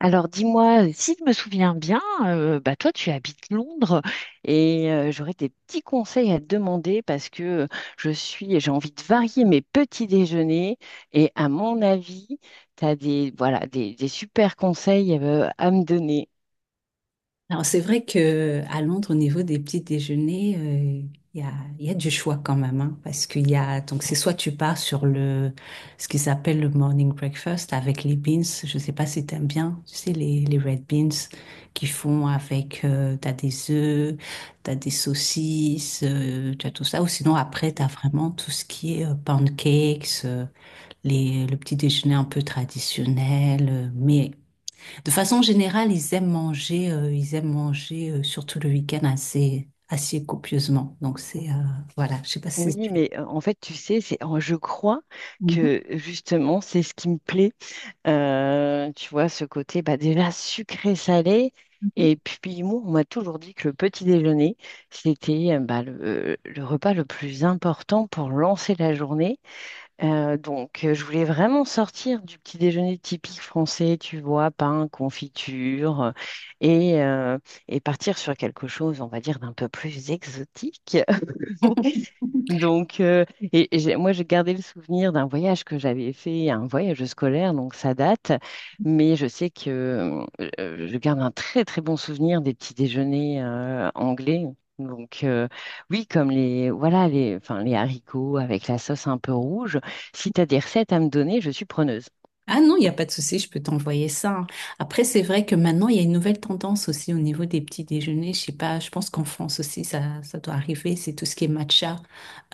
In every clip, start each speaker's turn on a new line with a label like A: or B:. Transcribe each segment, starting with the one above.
A: Alors dis-moi, si je me souviens bien, bah toi tu habites Londres et j'aurais des petits conseils à te demander parce que j'ai envie de varier mes petits déjeuners et à mon avis, tu as des, voilà, des super conseils à me donner.
B: Alors, c'est vrai que à Londres, au niveau des petits déjeuners, il y a, il y a du choix quand même, hein, parce qu'il y a, donc c'est soit tu pars sur le, ce qu'ils appellent le morning breakfast avec les beans, je sais pas si t'aimes bien, tu sais, les red beans qu'ils font avec, t'as des œufs, t'as des saucisses, t'as tout ça, ou sinon après t'as vraiment tout ce qui est pancakes, les, le petit déjeuner un peu traditionnel, mais de façon générale, ils aiment manger surtout le week-end assez copieusement. Donc c'est voilà, je sais pas si
A: Oui,
B: c'est.
A: mais en fait, tu sais, c'est, je crois
B: Mhm.
A: que justement, c'est ce qui me plaît. Tu vois, ce côté bah, déjà sucré-salé. Et puis, moi, on m'a toujours dit que le petit déjeuner, c'était bah, le repas le plus important pour lancer la journée. Je voulais vraiment sortir du petit déjeuner typique français, tu vois, pain, confiture, et, euh, et partir sur quelque chose, on va dire, d'un peu plus exotique. Moi, j'ai gardé le souvenir d'un voyage que j'avais fait, un voyage scolaire, donc ça date. Mais je sais que je garde un très, très bon souvenir des petits déjeuners anglais. Donc, euh, oui, comme voilà, enfin, les haricots avec la sauce un peu rouge. Si tu as des recettes à me donner, je suis preneuse.
B: Ah non, il n'y a pas de souci, je peux t'envoyer ça, hein. Après, c'est vrai que maintenant, il y a une nouvelle tendance aussi au niveau des petits déjeuners. Je sais pas, je pense qu'en France aussi, ça doit arriver. C'est tout ce qui est matcha,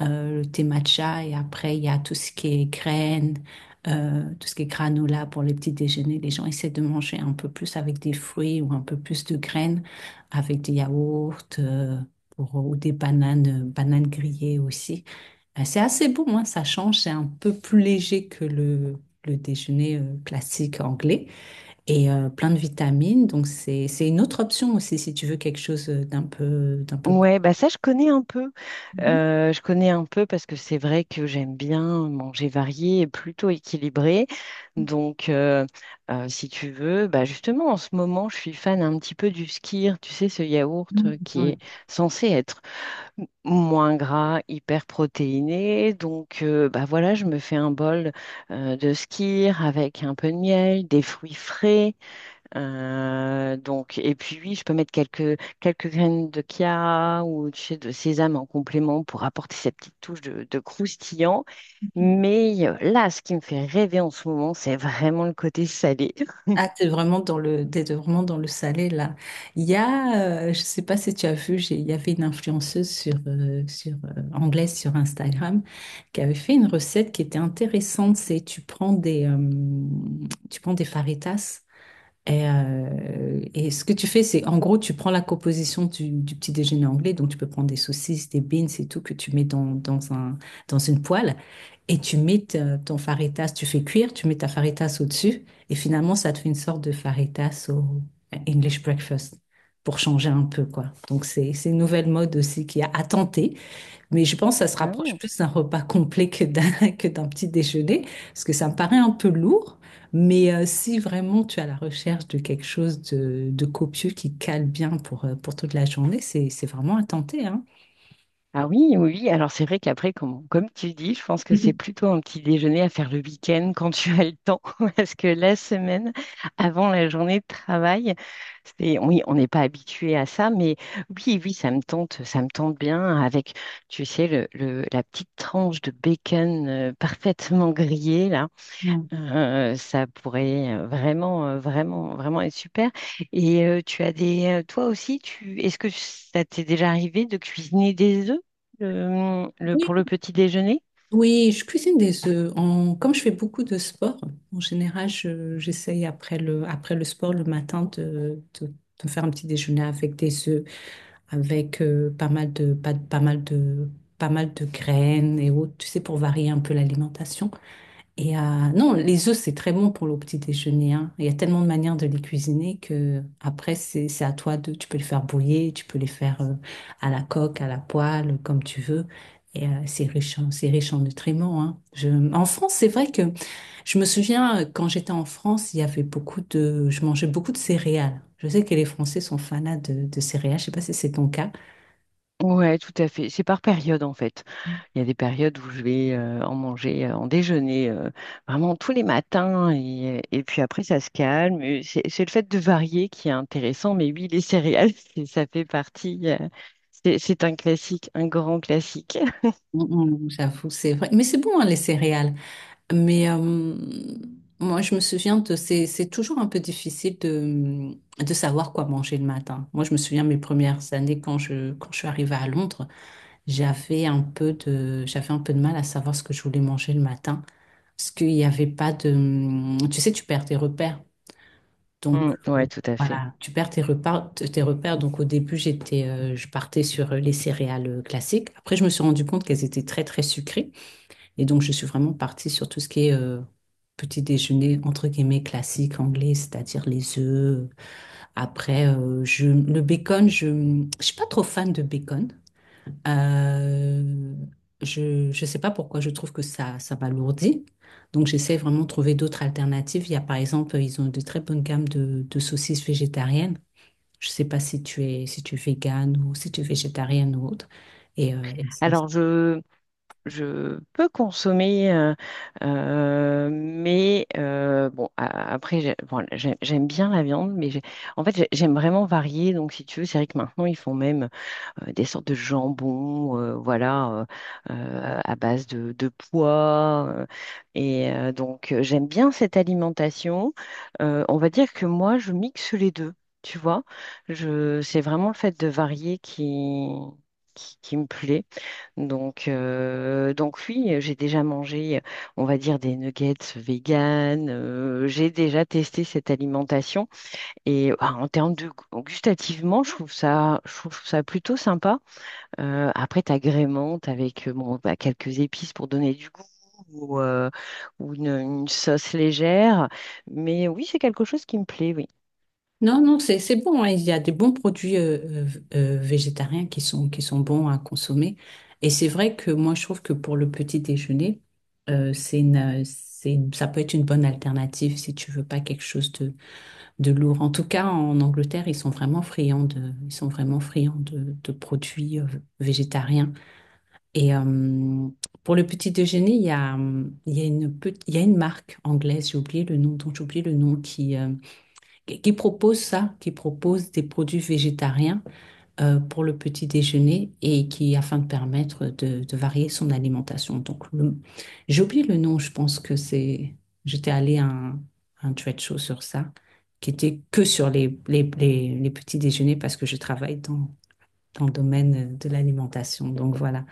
B: le thé matcha, et après, il y a tout ce qui est graines, tout ce qui est granola pour les petits déjeuners. Les gens essaient de manger un peu plus avec des fruits ou un peu plus de graines, avec des yaourts, pour, ou des bananes, bananes grillées aussi. C'est assez bon, hein, ça change, c'est un peu plus léger que le déjeuner classique anglais et plein de vitamines. Donc c'est une autre option aussi si tu veux quelque chose d'un peu d'un peu.
A: Ouais, bah ça je connais un peu.
B: Mhm.
A: Je connais un peu parce que c'est vrai que j'aime bien manger varié et plutôt équilibré. Donc, euh, Si tu veux, bah justement en ce moment je suis fan un petit peu du skyr. Tu sais ce yaourt qui
B: Ouais.
A: est censé être moins gras, hyper protéiné. Bah voilà, je me fais un bol de skyr avec un peu de miel, des fruits frais. Et puis oui, je peux mettre quelques, quelques graines de chia ou tu sais, de sésame en complément pour apporter cette petite touche de croustillant. Mais là, ce qui me fait rêver en ce moment, c'est vraiment le côté salé.
B: Ah, t'es vraiment dans le, t'es vraiment dans le salé là. Il y a, je sais pas si tu as vu, il y avait une influenceuse sur anglaise sur Instagram qui avait fait une recette qui était intéressante. C'est tu prends des faritas. Et ce que tu fais, c'est en gros, tu prends la composition du petit déjeuner anglais, donc tu peux prendre des saucisses, des beans et tout que tu mets dans, dans un, dans une poêle et tu mets ton faritas, tu fais cuire, tu mets ta faritas au-dessus et finalement, ça te fait une sorte de faritas au English breakfast pour changer un peu, quoi. Donc, c'est une nouvelle mode aussi qui a à tenter, mais je pense que ça se
A: Ah
B: rapproche
A: ouais.
B: plus d'un repas complet que d'un que d'un petit déjeuner, parce que ça me paraît un peu lourd. Mais si vraiment tu as la recherche de quelque chose de copieux qui cale bien pour toute la journée, c'est vraiment à tenter, hein.
A: Ah oui, oui, oui. Alors c'est vrai qu'après, comme tu dis, je pense que c'est plutôt un petit déjeuner à faire le week-end quand tu as le temps, parce que la semaine, avant la journée de travail, c'est, oui, on n'est pas habitué à ça, mais oui, oui, ça me tente bien avec, tu sais, la petite tranche de bacon parfaitement grillée, là.
B: Mhm. Mm.
A: Ça pourrait vraiment être super. Et tu as des, toi aussi, est-ce que ça t'est déjà arrivé de cuisiner des œufs
B: Oui,
A: pour le petit déjeuner?
B: oui, je cuisine des œufs. En- comme je fais beaucoup de sport, en général, j'essaye après le sport le matin de me faire un petit déjeuner avec des œufs, avec pas mal de, pas, pas mal de, pas mal de graines et autres, tu sais, pour varier un peu l'alimentation. Et non, les œufs, c'est très bon pour le petit déjeuner, hein. Il y a tellement de manières de les cuisiner que après, c'est à toi de, tu peux les faire bouillir, tu peux les faire à la coque, à la poêle, comme tu veux. Et c'est riche en nutriments, hein. Je, en France, c'est vrai que je me souviens, quand j'étais en France, il y avait beaucoup de… Je mangeais beaucoup de céréales. Je sais que les Français sont fanas de céréales. Je sais pas si c'est ton cas.
A: Ouais, tout à fait. C'est par période en fait.
B: Mm.
A: Il y a des périodes où je vais en manger en déjeuner vraiment tous les matins et puis après ça se calme. Et c'est le fait de varier qui est intéressant, mais oui, les céréales, ça fait partie. C'est un classique, un grand classique.
B: J'avoue, c'est vrai. Mais c'est bon, hein, les céréales. Mais moi, je me souviens de… c'est toujours un peu difficile de savoir quoi manger le matin. Moi, je me souviens mes premières années quand je suis arrivée à Londres, j'avais un peu de, j'avais un peu de mal à savoir ce que je voulais manger le matin. Parce qu'il n'y avait pas de… Tu sais, tu perds tes repères. Donc,
A: Mm, ouais, tout à fait.
B: voilà, tu perds tes repères. Tes repères. Donc, au début, je partais sur les céréales classiques. Après, je me suis rendu compte qu'elles étaient très, très sucrées. Et donc, je suis vraiment partie sur tout ce qui est petit déjeuner, entre guillemets, classique anglais, c'est-à-dire les œufs. Après, le bacon, je ne suis pas trop fan de bacon. Euh, je ne sais pas pourquoi, je trouve que ça m'alourdit. Donc, j'essaie vraiment de trouver d'autres alternatives. Il y a, par exemple, ils ont de très bonnes gammes de saucisses végétariennes. Je ne sais pas si tu es, si tu es végane ou si tu es végétarienne ou autre. Et c'est-
A: Alors, je peux consommer, mais bon, a- après, j'ai- bon, j'ai- j'aime bien la viande, j'aime vraiment varier. Donc, si tu veux, c'est vrai que maintenant, ils font même. Des sortes de jambons, voilà, à base de pois. J'aime bien cette alimentation. On va dire que moi, je mixe les deux, tu vois. C'est vraiment le fait de varier qui me plaît. Donc oui, j'ai déjà mangé, on va dire, des nuggets vegan. J'ai déjà testé cette alimentation. Et ah, en termes de gustativement, je trouve ça plutôt sympa. Après, tu agrémentes avec bon, bah, quelques épices pour donner du goût ou, euh, ou une sauce légère. Mais oui, c'est quelque chose qui me plaît, oui.
B: Non, non, c'est bon, hein. Il y a des bons produits euh, végétariens qui sont bons à consommer. Et c'est vrai que moi, je trouve que pour le petit déjeuner, c'est une, ça peut être une bonne alternative si tu veux pas quelque chose de lourd. En tout cas, en Angleterre, ils sont vraiment friands de produits végétariens. Et pour le petit déjeuner, il y a il y a une marque anglaise. J'ai oublié le nom, dont j'ai oublié le nom qui propose ça, qui propose des produits végétariens pour le petit déjeuner et qui afin de permettre de varier son alimentation. J'ai oublié le nom, je pense que c'est j'étais allée à un trade show sur ça, qui était que sur les, les petits déjeuners parce que je travaille dans, dans le domaine de l'alimentation. Donc voilà.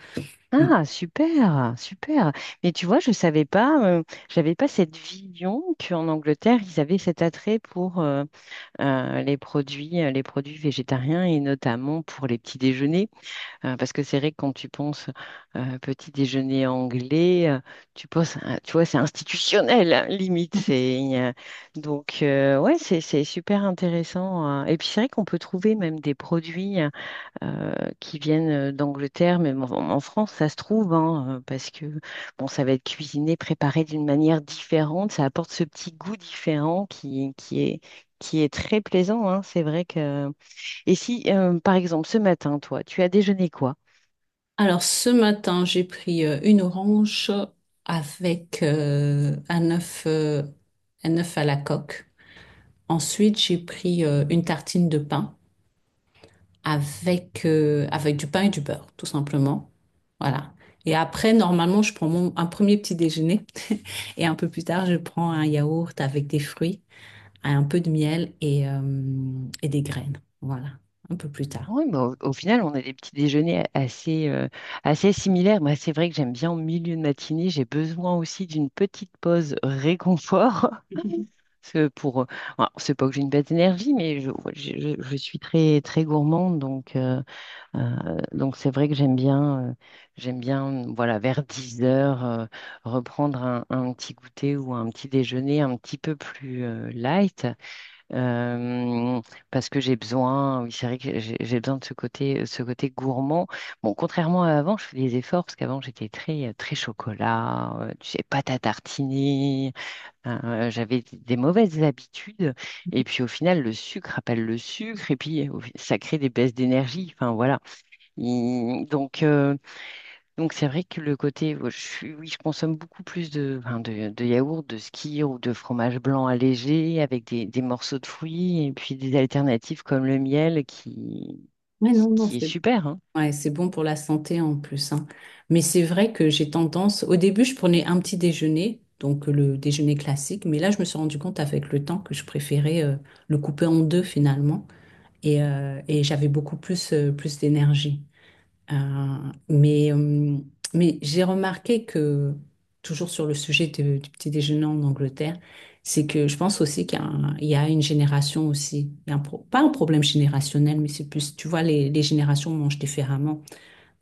B: Mm.
A: Ah, super, super. Mais tu vois, je savais pas, j'avais pas cette vision qu'en Angleterre, ils avaient cet attrait pour les produits végétariens et notamment pour les petits déjeuners. Parce que c'est vrai que quand tu penses petit déjeuner anglais, tu penses, tu vois, c'est institutionnel, hein, limite. Ouais, c'est super intéressant, hein. Et puis, c'est vrai qu'on peut trouver même des produits euh, qui viennent d'Angleterre, même en, en France, ça se trouve, hein, parce que, bon, ça va être cuisiné, préparé d'une manière différente. Ça apporte ce petit goût différent qui est très plaisant, hein. C'est vrai que... Et si, par exemple, ce matin, toi, tu as déjeuné quoi?
B: Alors ce matin, j'ai pris une orange avec un œuf à la coque. Ensuite, j'ai pris une tartine de pain avec, avec du pain et du beurre, tout simplement. Voilà. Et après, normalement, je prends un premier petit déjeuner et un peu plus tard, je prends un yaourt avec des fruits, un peu de miel et des graines. Voilà, un peu plus tard.
A: Oui, mais au final, on a des petits déjeuners assez, assez similaires. Moi, c'est vrai que j'aime bien au milieu de matinée, j'ai besoin aussi d'une petite pause réconfort. Parce que pour, alors, c'est pas que j'ai une baisse d'énergie, mais je, ouais, je suis très, très gourmande. Donc c'est vrai que j'aime bien, voilà, vers 10 heures, reprendre un petit goûter ou un petit déjeuner un petit peu plus, light, euh, parce que j'ai besoin, oui, c'est vrai que j'ai besoin de ce côté gourmand. Bon, contrairement à avant, je fais des efforts parce qu'avant j'étais très, très chocolat, tu sais, pâte à tartiner, j'avais des mauvaises habitudes. Et puis au final, le sucre appelle le sucre et puis ça crée des baisses d'énergie. Enfin voilà. Il- donc, euh, donc c'est vrai que le côté, oh, oui, je consomme beaucoup plus de, enfin, de yaourt, de skyr ou de fromage blanc allégé avec des morceaux de fruits et puis des alternatives comme le miel
B: Mais non, non,
A: qui est
B: c'est
A: super, hein.
B: Ouais, c'est bon pour la santé en plus, hein. Mais c'est vrai que j'ai tendance, au début, je prenais un petit déjeuner, donc le déjeuner classique, mais là, je me suis rendu compte avec le temps que je préférais le couper en deux finalement, et j'avais beaucoup plus, plus d'énergie. Euh, mais euh, mais j'ai remarqué que, toujours sur le sujet du petit déjeuner en Angleterre, c'est que je pense aussi qu'il y a, un- il y a une génération aussi, il y a pas un problème générationnel, mais c'est plus, tu vois, les générations mangent différemment.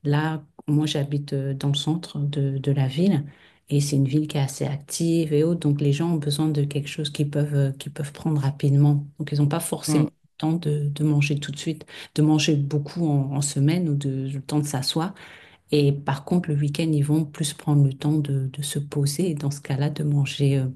B: Là, moi, j'habite dans le centre de la ville et c'est une ville qui est assez active et autres. Donc, les gens ont besoin de quelque chose qu'ils peuvent prendre rapidement. Donc, ils n'ont pas forcément
A: Mm.
B: le temps de manger tout de suite, de manger beaucoup en, en semaine ou de, le temps de s'asseoir. Et par contre, le week-end, ils vont plus prendre le temps de se poser et dans ce cas-là, de manger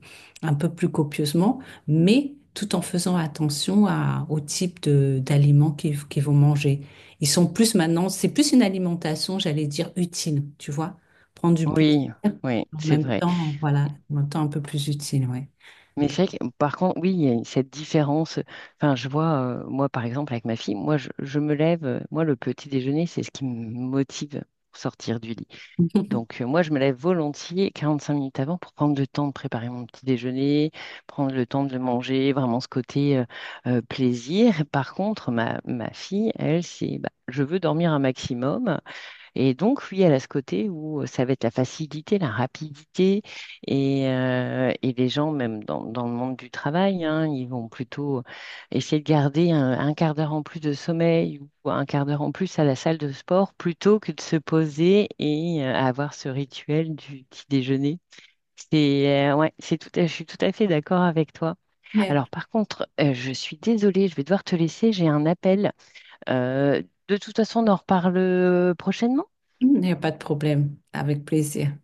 B: un peu plus copieusement, mais tout en faisant attention au type de, d'aliments qu'ils, qu'ils vont manger. Ils sont plus maintenant, c'est plus une alimentation, j'allais dire, utile, tu vois, prendre du plaisir
A: Oui, oui,
B: en
A: c'est
B: même
A: vrai.
B: temps, voilà, en même temps un peu plus utile, ouais.
A: Mais c'est vrai que par contre, oui, il y a cette différence. Enfin, je vois, moi par exemple avec ma fille, je me lève, moi le petit déjeuner, c'est ce qui me motive pour sortir du lit. Moi, je me lève volontiers 45 minutes avant pour prendre le temps de préparer mon petit déjeuner, prendre le temps de le manger, vraiment ce côté plaisir. Par contre, ma fille, elle, c'est bah, je veux dormir un maximum. Et donc, oui, elle a ce côté où ça va être la facilité, la rapidité, et les gens, même dans, dans le monde du travail, hein, ils vont plutôt essayer de garder un quart d'heure en plus de sommeil ou un quart d'heure en plus à la salle de sport plutôt que de se poser et avoir ce rituel du petit déjeuner. Ouais, je suis tout à fait d'accord avec toi.
B: Mais
A: Alors, par contre, je suis désolée, je vais devoir te laisser, j'ai un appel. Euh, de toute façon, on en reparle prochainement.
B: Il n'y a pas de problème, avec plaisir.